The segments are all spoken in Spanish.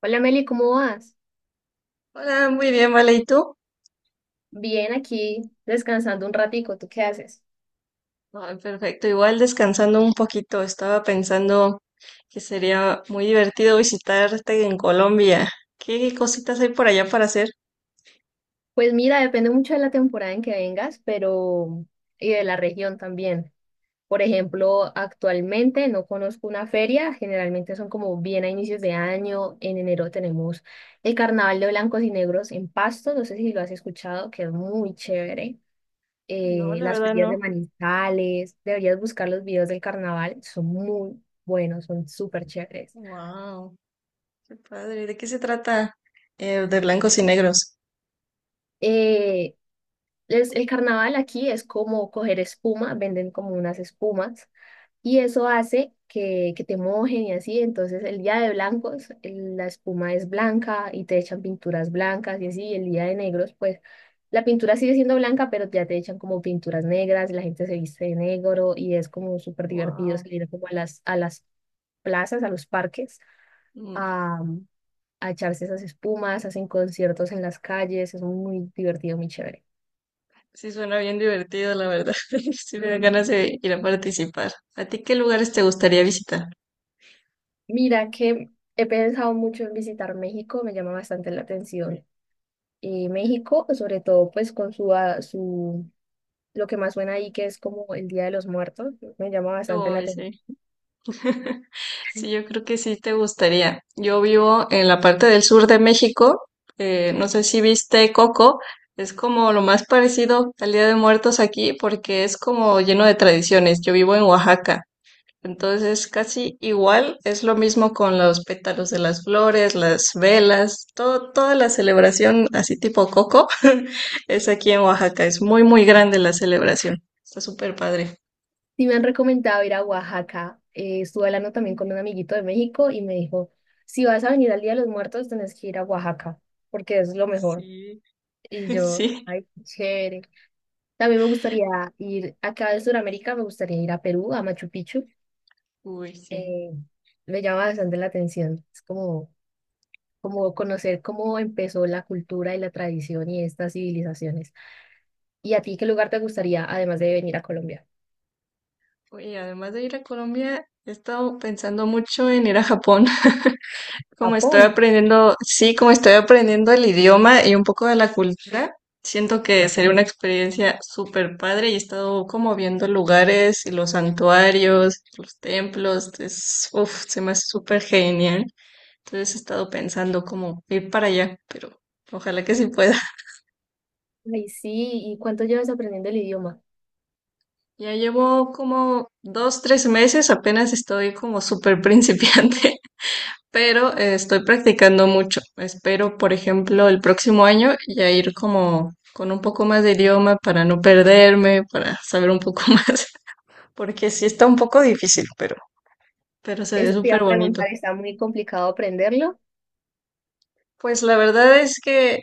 Hola Meli, ¿cómo vas? Hola, muy bien, vale, ¿y tú? Bien, aquí descansando un ratico, ¿tú qué haces? Ay, perfecto, igual descansando un poquito, estaba pensando que sería muy divertido visitarte en Colombia. ¿Qué cositas hay por allá para hacer? Pues mira, depende mucho de la temporada en que vengas, pero y de la región también. Por ejemplo, actualmente no conozco una feria, generalmente son como bien a inicios de año. En enero tenemos el Carnaval de Blancos y Negros en Pasto, no sé si lo has escuchado, que es muy chévere. No, la Las verdad ferias de no. Manizales, deberías buscar los videos del carnaval, son muy buenos, son súper chéveres. Wow, qué padre. ¿De qué se trata? De blancos y negros. Eh, el carnaval aquí es como coger espuma, venden como unas espumas y eso hace que te mojen y así. Entonces el día de blancos la espuma es blanca y te echan pinturas blancas y así, y el día de negros pues la pintura sigue siendo blanca pero ya te echan como pinturas negras, la gente se viste de negro y es como súper divertido Wow. salir como a a las plazas, a los parques, a, a echarse esas espumas, hacen conciertos en las calles, es muy divertido, muy chévere. Sí, suena bien divertido, la verdad. Sí, me dan ganas de ir a participar. ¿A ti qué lugares te gustaría visitar? Mira que he pensado mucho en visitar México, me llama bastante la atención. Y México, sobre todo, pues con su, lo que más suena ahí, que es como el Día de los Muertos, me llama bastante la Uy, atención. sí. Sí, yo creo que sí te gustaría. Yo vivo en la parte del sur de México. No sé si viste Coco. Es como lo más parecido al Día de Muertos aquí porque es como lleno de tradiciones. Yo vivo en Oaxaca. Entonces, casi igual es lo mismo con los pétalos de las flores, las velas, todo, toda la celebración así tipo Coco es aquí en Oaxaca. Es muy, muy grande la celebración. Está súper padre. Sí, me han recomendado ir a Oaxaca. Estuve hablando también con un amiguito de México y me dijo, si vas a venir al Día de los Muertos, tenés que ir a Oaxaca, porque es lo mejor. Sí, Y yo, sí. ay, qué chévere. También me gustaría ir, acá de Sudamérica, me gustaría ir a Perú, a Machu Picchu. Uy, sí. eh, Me llama bastante la atención. Es como, como conocer cómo empezó la cultura y la tradición y estas civilizaciones. ¿Y a ti qué lugar te gustaría, además de venir a Colombia? Oye, además de ir a Colombia, he estado pensando mucho en ir a Japón. Como estoy Japón. aprendiendo, sí, como estoy aprendiendo el idioma y un poco de la cultura, siento que sería una experiencia súper padre y he estado como viendo lugares y los santuarios, los templos, es, uf, se me hace súper genial. Entonces he estado pensando como ir para allá, pero ojalá que sí pueda. Ay, sí. ¿Y cuánto llevas aprendiendo el idioma? Ya llevo como dos, tres meses, apenas estoy como súper principiante. Pero estoy practicando mucho. Espero, por ejemplo, el próximo año ya ir como con un poco más de idioma para no perderme, para saber un poco más, porque sí está un poco difícil, pero se ve Eso te iba a súper bonito. preguntar, ¿está muy complicado aprenderlo? Pues la verdad es que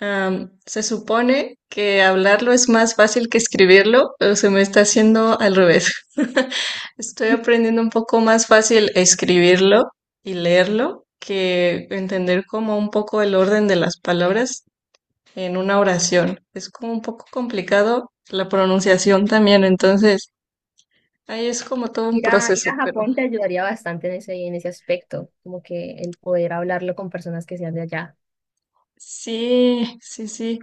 se supone que hablarlo es más fácil que escribirlo, pero se me está haciendo al revés. Estoy aprendiendo un poco más fácil escribirlo y leerlo que entender como un poco el orden de las palabras en una oración. Es como un poco complicado la pronunciación también, entonces ahí es como todo un Ir proceso, a pero Japón te ayudaría bastante en en ese aspecto, como que el poder hablarlo con personas que sean de allá. sí, sí, sí.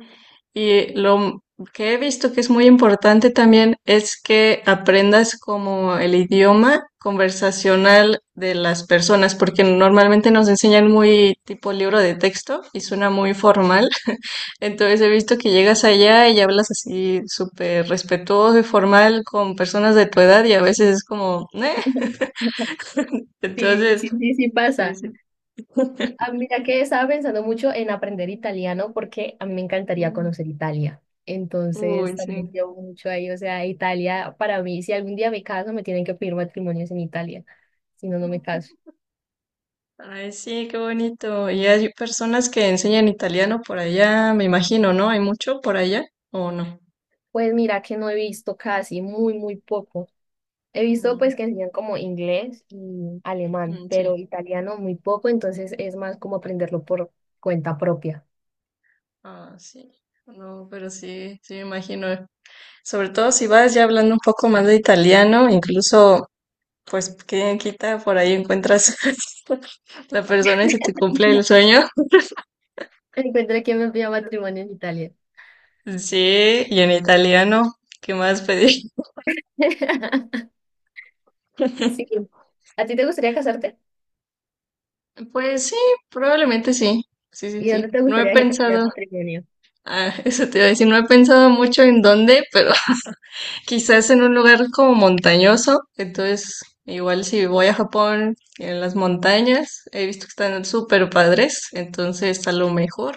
Y lo m- que he visto que es muy importante también es que aprendas como el idioma conversacional de las personas, porque normalmente nos enseñan muy tipo libro de texto y suena muy formal. Entonces he visto que llegas allá y hablas así súper respetuoso y formal con personas de tu edad y a veces es como, "". Sí, sí, Entonces, sí, sí sí, pasa. sí. Ah, mira que estaba pensando mucho en aprender italiano porque a mí me encantaría conocer Italia. Entonces Uy, también sí. llevo mucho ahí, o sea, Italia para mí, si algún día me caso, me tienen que pedir matrimonios en Italia, si no, no me caso. Ay, sí, qué bonito. Y hay personas que enseñan italiano por allá, me imagino, ¿no? ¿Hay mucho por allá o no? Pues mira que no he visto casi, muy, muy poco. He visto Mm, pues que enseñan como inglés y alemán, mm, pero sí. italiano muy poco, entonces es más como aprenderlo por cuenta propia. Ah, sí. No, pero sí, sí me imagino. Sobre todo si vas ya hablando un poco más de italiano, incluso, pues, ¿quién quita? Por ahí encuentras la persona y si te cumple el sueño. Encuentra quién me pida matrimonio en Italia. Sí, y en italiano, ¿qué más pedir? Sí. ¿A ti te gustaría casarte? Pues sí, probablemente sí. Sí, sí, ¿Y sí. dónde te No he gustaría que te pidiera pensado. matrimonio? Ah, eso te iba a decir, no he pensado mucho en dónde, pero quizás en un lugar como montañoso. Entonces, igual si voy a Japón, en las montañas, he visto que están súper padres, entonces a lo mejor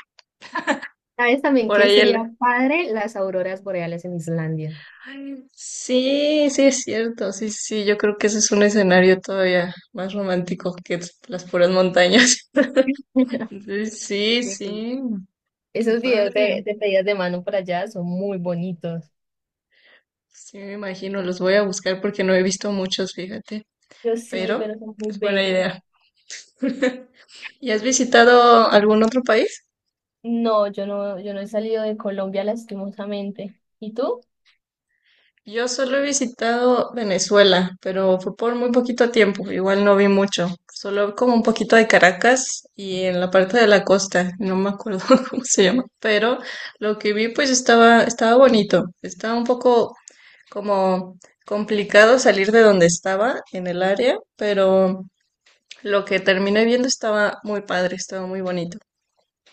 ¿Sabes también por que ahí sería el... padre las auroras boreales en Islandia? Ay, sí, sí es cierto, sí, sí, sí, yo creo que ese es un escenario todavía más romántico que las puras montañas. Entonces, sí, Sí. sí, qué Esos videos padre. de pedidas de mano por allá son muy bonitos. Sí, me imagino, los voy a buscar porque no he visto muchos, fíjate, Yo sí, pero pero son muy es buena bellos. idea. ¿Y has visitado algún otro país? No, yo no, yo no he salido de Colombia lastimosamente. ¿Y tú? Yo solo he visitado Venezuela, pero fue por muy poquito tiempo, igual no vi mucho, solo como un poquito de Caracas y en la parte de la costa, no me acuerdo cómo se llama, pero lo que vi pues estaba bonito, estaba un poco como complicado salir de donde estaba en el área, pero lo que terminé viendo estaba muy padre, estaba muy bonito.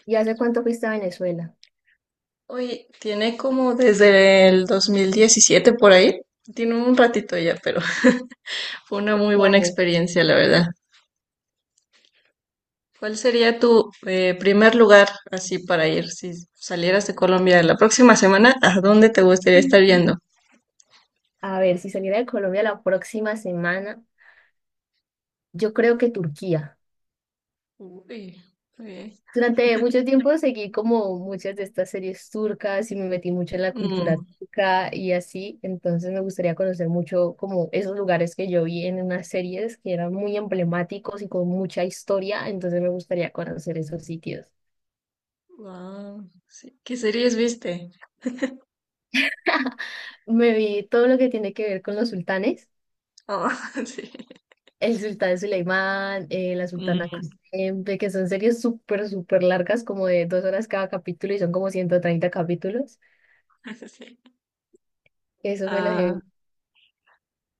¿Y hace cuánto fuiste a Venezuela? Oye, tiene como desde el 2017 por ahí. Tiene un ratito ya, pero fue una muy Ocho buena años. experiencia, la verdad. ¿Cuál sería tu primer lugar así para ir si salieras de Colombia la próxima semana? ¿A dónde te gustaría estar yendo? A ver, si saliera de Colombia la próxima semana, yo creo que Turquía. Uy, ok. Durante mucho tiempo seguí como muchas de estas series turcas y me metí mucho en la cultura Mm, turca y así, entonces me gustaría conocer mucho como esos lugares que yo vi en unas series que eran muy emblemáticos y con mucha historia, entonces me gustaría conocer esos sitios. wow, sí. ¿Qué series viste? Me vi todo lo que tiene que ver con los sultanes, Ah, sí. el sultán Suleimán, la Mm, sultana Kuzenbe, que son series súper, súper largas, como de 2 horas cada capítulo y son como 130 capítulos. sí. Eso me lo Ah, he...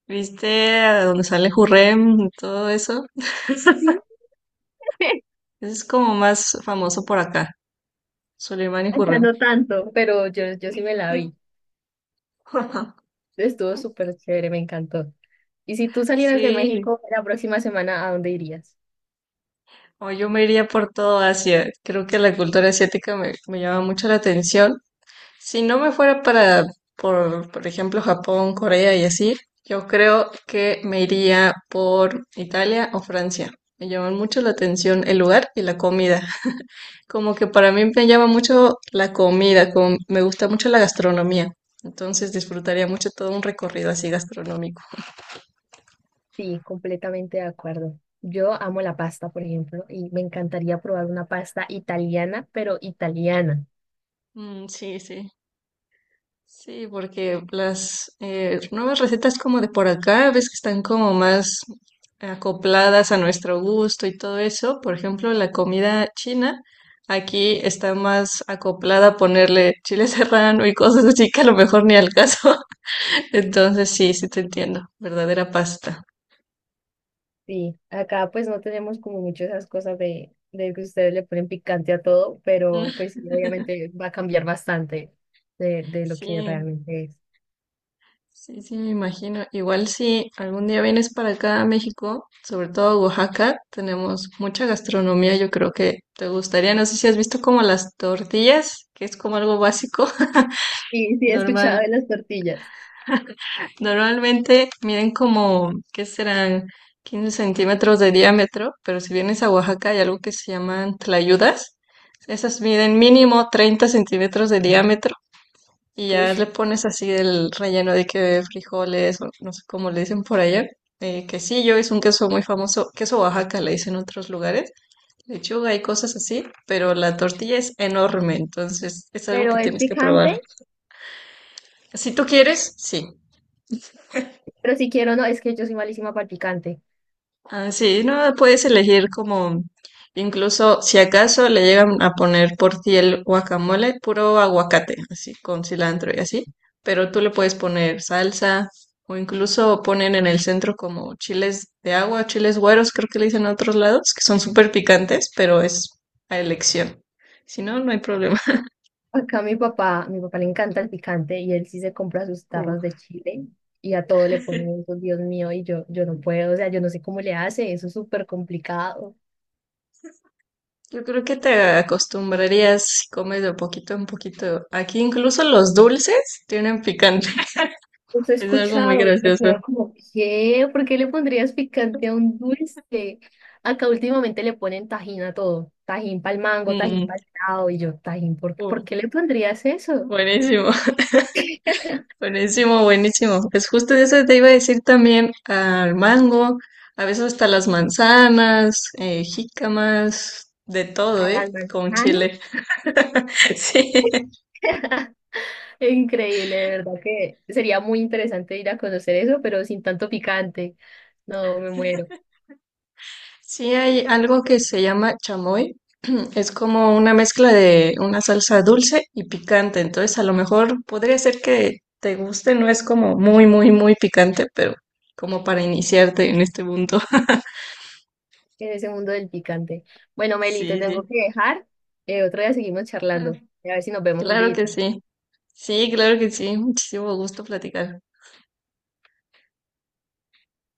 ¿viste a donde sale Jurrem y todo eso? Es como más famoso por acá. Soleimán y Ya Hürrem. no tanto, pero yo sí me la vi. Estuvo súper chévere, me encantó. Y si tú salieras de Sí, México la próxima semana, ¿a dónde irías? o yo me iría por todo Asia. Creo que la cultura asiática me llama mucho la atención. Si no me fuera para, Por ejemplo, Japón, Corea y así, yo creo que me iría por Italia o Francia. Me llaman mucho la atención el lugar y la comida. Como que para mí me llama mucho la comida, como me gusta mucho la gastronomía. Entonces disfrutaría mucho todo un recorrido así gastronómico. Sí, completamente de acuerdo. Yo amo la pasta, por ejemplo, y me encantaría probar una pasta italiana, pero italiana. Mm, sí, sí. Sí, porque las nuevas recetas como de por acá, ves que están como más acopladas a nuestro gusto y todo eso. Por ejemplo, la comida china aquí está más acoplada a ponerle chile serrano y cosas así que a lo mejor ni al caso. Entonces sí, sí te entiendo. Verdadera pasta. Sí, acá pues no tenemos como mucho esas cosas de que ustedes le ponen picante a todo, pero pues sí, obviamente va a cambiar bastante de lo que Sí. realmente es. Sí, sí, me imagino. Igual si algún día vienes para acá a México, sobre todo a Oaxaca, tenemos mucha gastronomía, yo creo que te gustaría. No sé si has visto como las tortillas, que es como algo básico. Sí, sí, he escuchado de Normal, las tortillas. Normalmente miden como, ¿qué serán? 15 centímetros de diámetro, pero si vienes a Oaxaca hay algo que se llaman tlayudas. Esas miden mínimo 30 centímetros de diámetro y Uy, ya le pones así el relleno de que frijoles, o no sé cómo le dicen por allá. Quesillo es un queso muy famoso, queso Oaxaca le dicen en otros lugares, lechuga y cosas así, pero la tortilla es enorme, entonces es algo pero que es tienes que probar. picante. Si tú quieres, sí. Pero si quiero, no, es que yo soy malísima para el picante. Ah, sí, no puedes elegir como, incluso si acaso le llegan a poner por ti el guacamole, puro aguacate, así con cilantro y así, pero tú le puedes poner salsa o incluso ponen en el centro como chiles de agua, chiles güeros, creo que le dicen en otros lados, que son súper picantes, pero es a elección. Si no, no hay problema. Acá mi papá le encanta el picante y él sí se compra sus tarros de Uf. chile y a todo le pone eso, Dios mío, y yo no puedo, o sea, yo no sé cómo le hace, eso es súper complicado. Yo creo que te acostumbrarías si comes de poquito en poquito. Aquí incluso los dulces tienen picante. Eso he Es algo muy escuchado, pero gracioso. quedo como, ¿qué? ¿Por qué le pondrías picante a un dulce? Acá últimamente le ponen tajín a todo, tajín para el mango, tajín Mm, para el helado, y yo, tajín, ¿por uh, qué le pondrías eso? buenísimo, buenísimo, buenísimo. Pues justo de eso te iba a decir también al mango, a veces hasta las manzanas, jícamas, de todo, ¿A ¿eh? las Con manzanas? chile. Sí, Increíble, de verdad que sería muy interesante ir a conocer eso, pero sin tanto picante. No, me muero sí hay algo que se llama chamoy. Es como una mezcla de una salsa dulce y picante. Entonces, a lo mejor podría ser que te guste, no es como muy, muy, muy picante, pero como para iniciarte en este punto. en ese mundo del picante. Bueno, Meli, te Sí, tengo sí. que dejar. Otro día seguimos Ah, charlando. A ver si nos vemos un claro día. que sí. Sí, claro que sí. Muchísimo gusto platicar.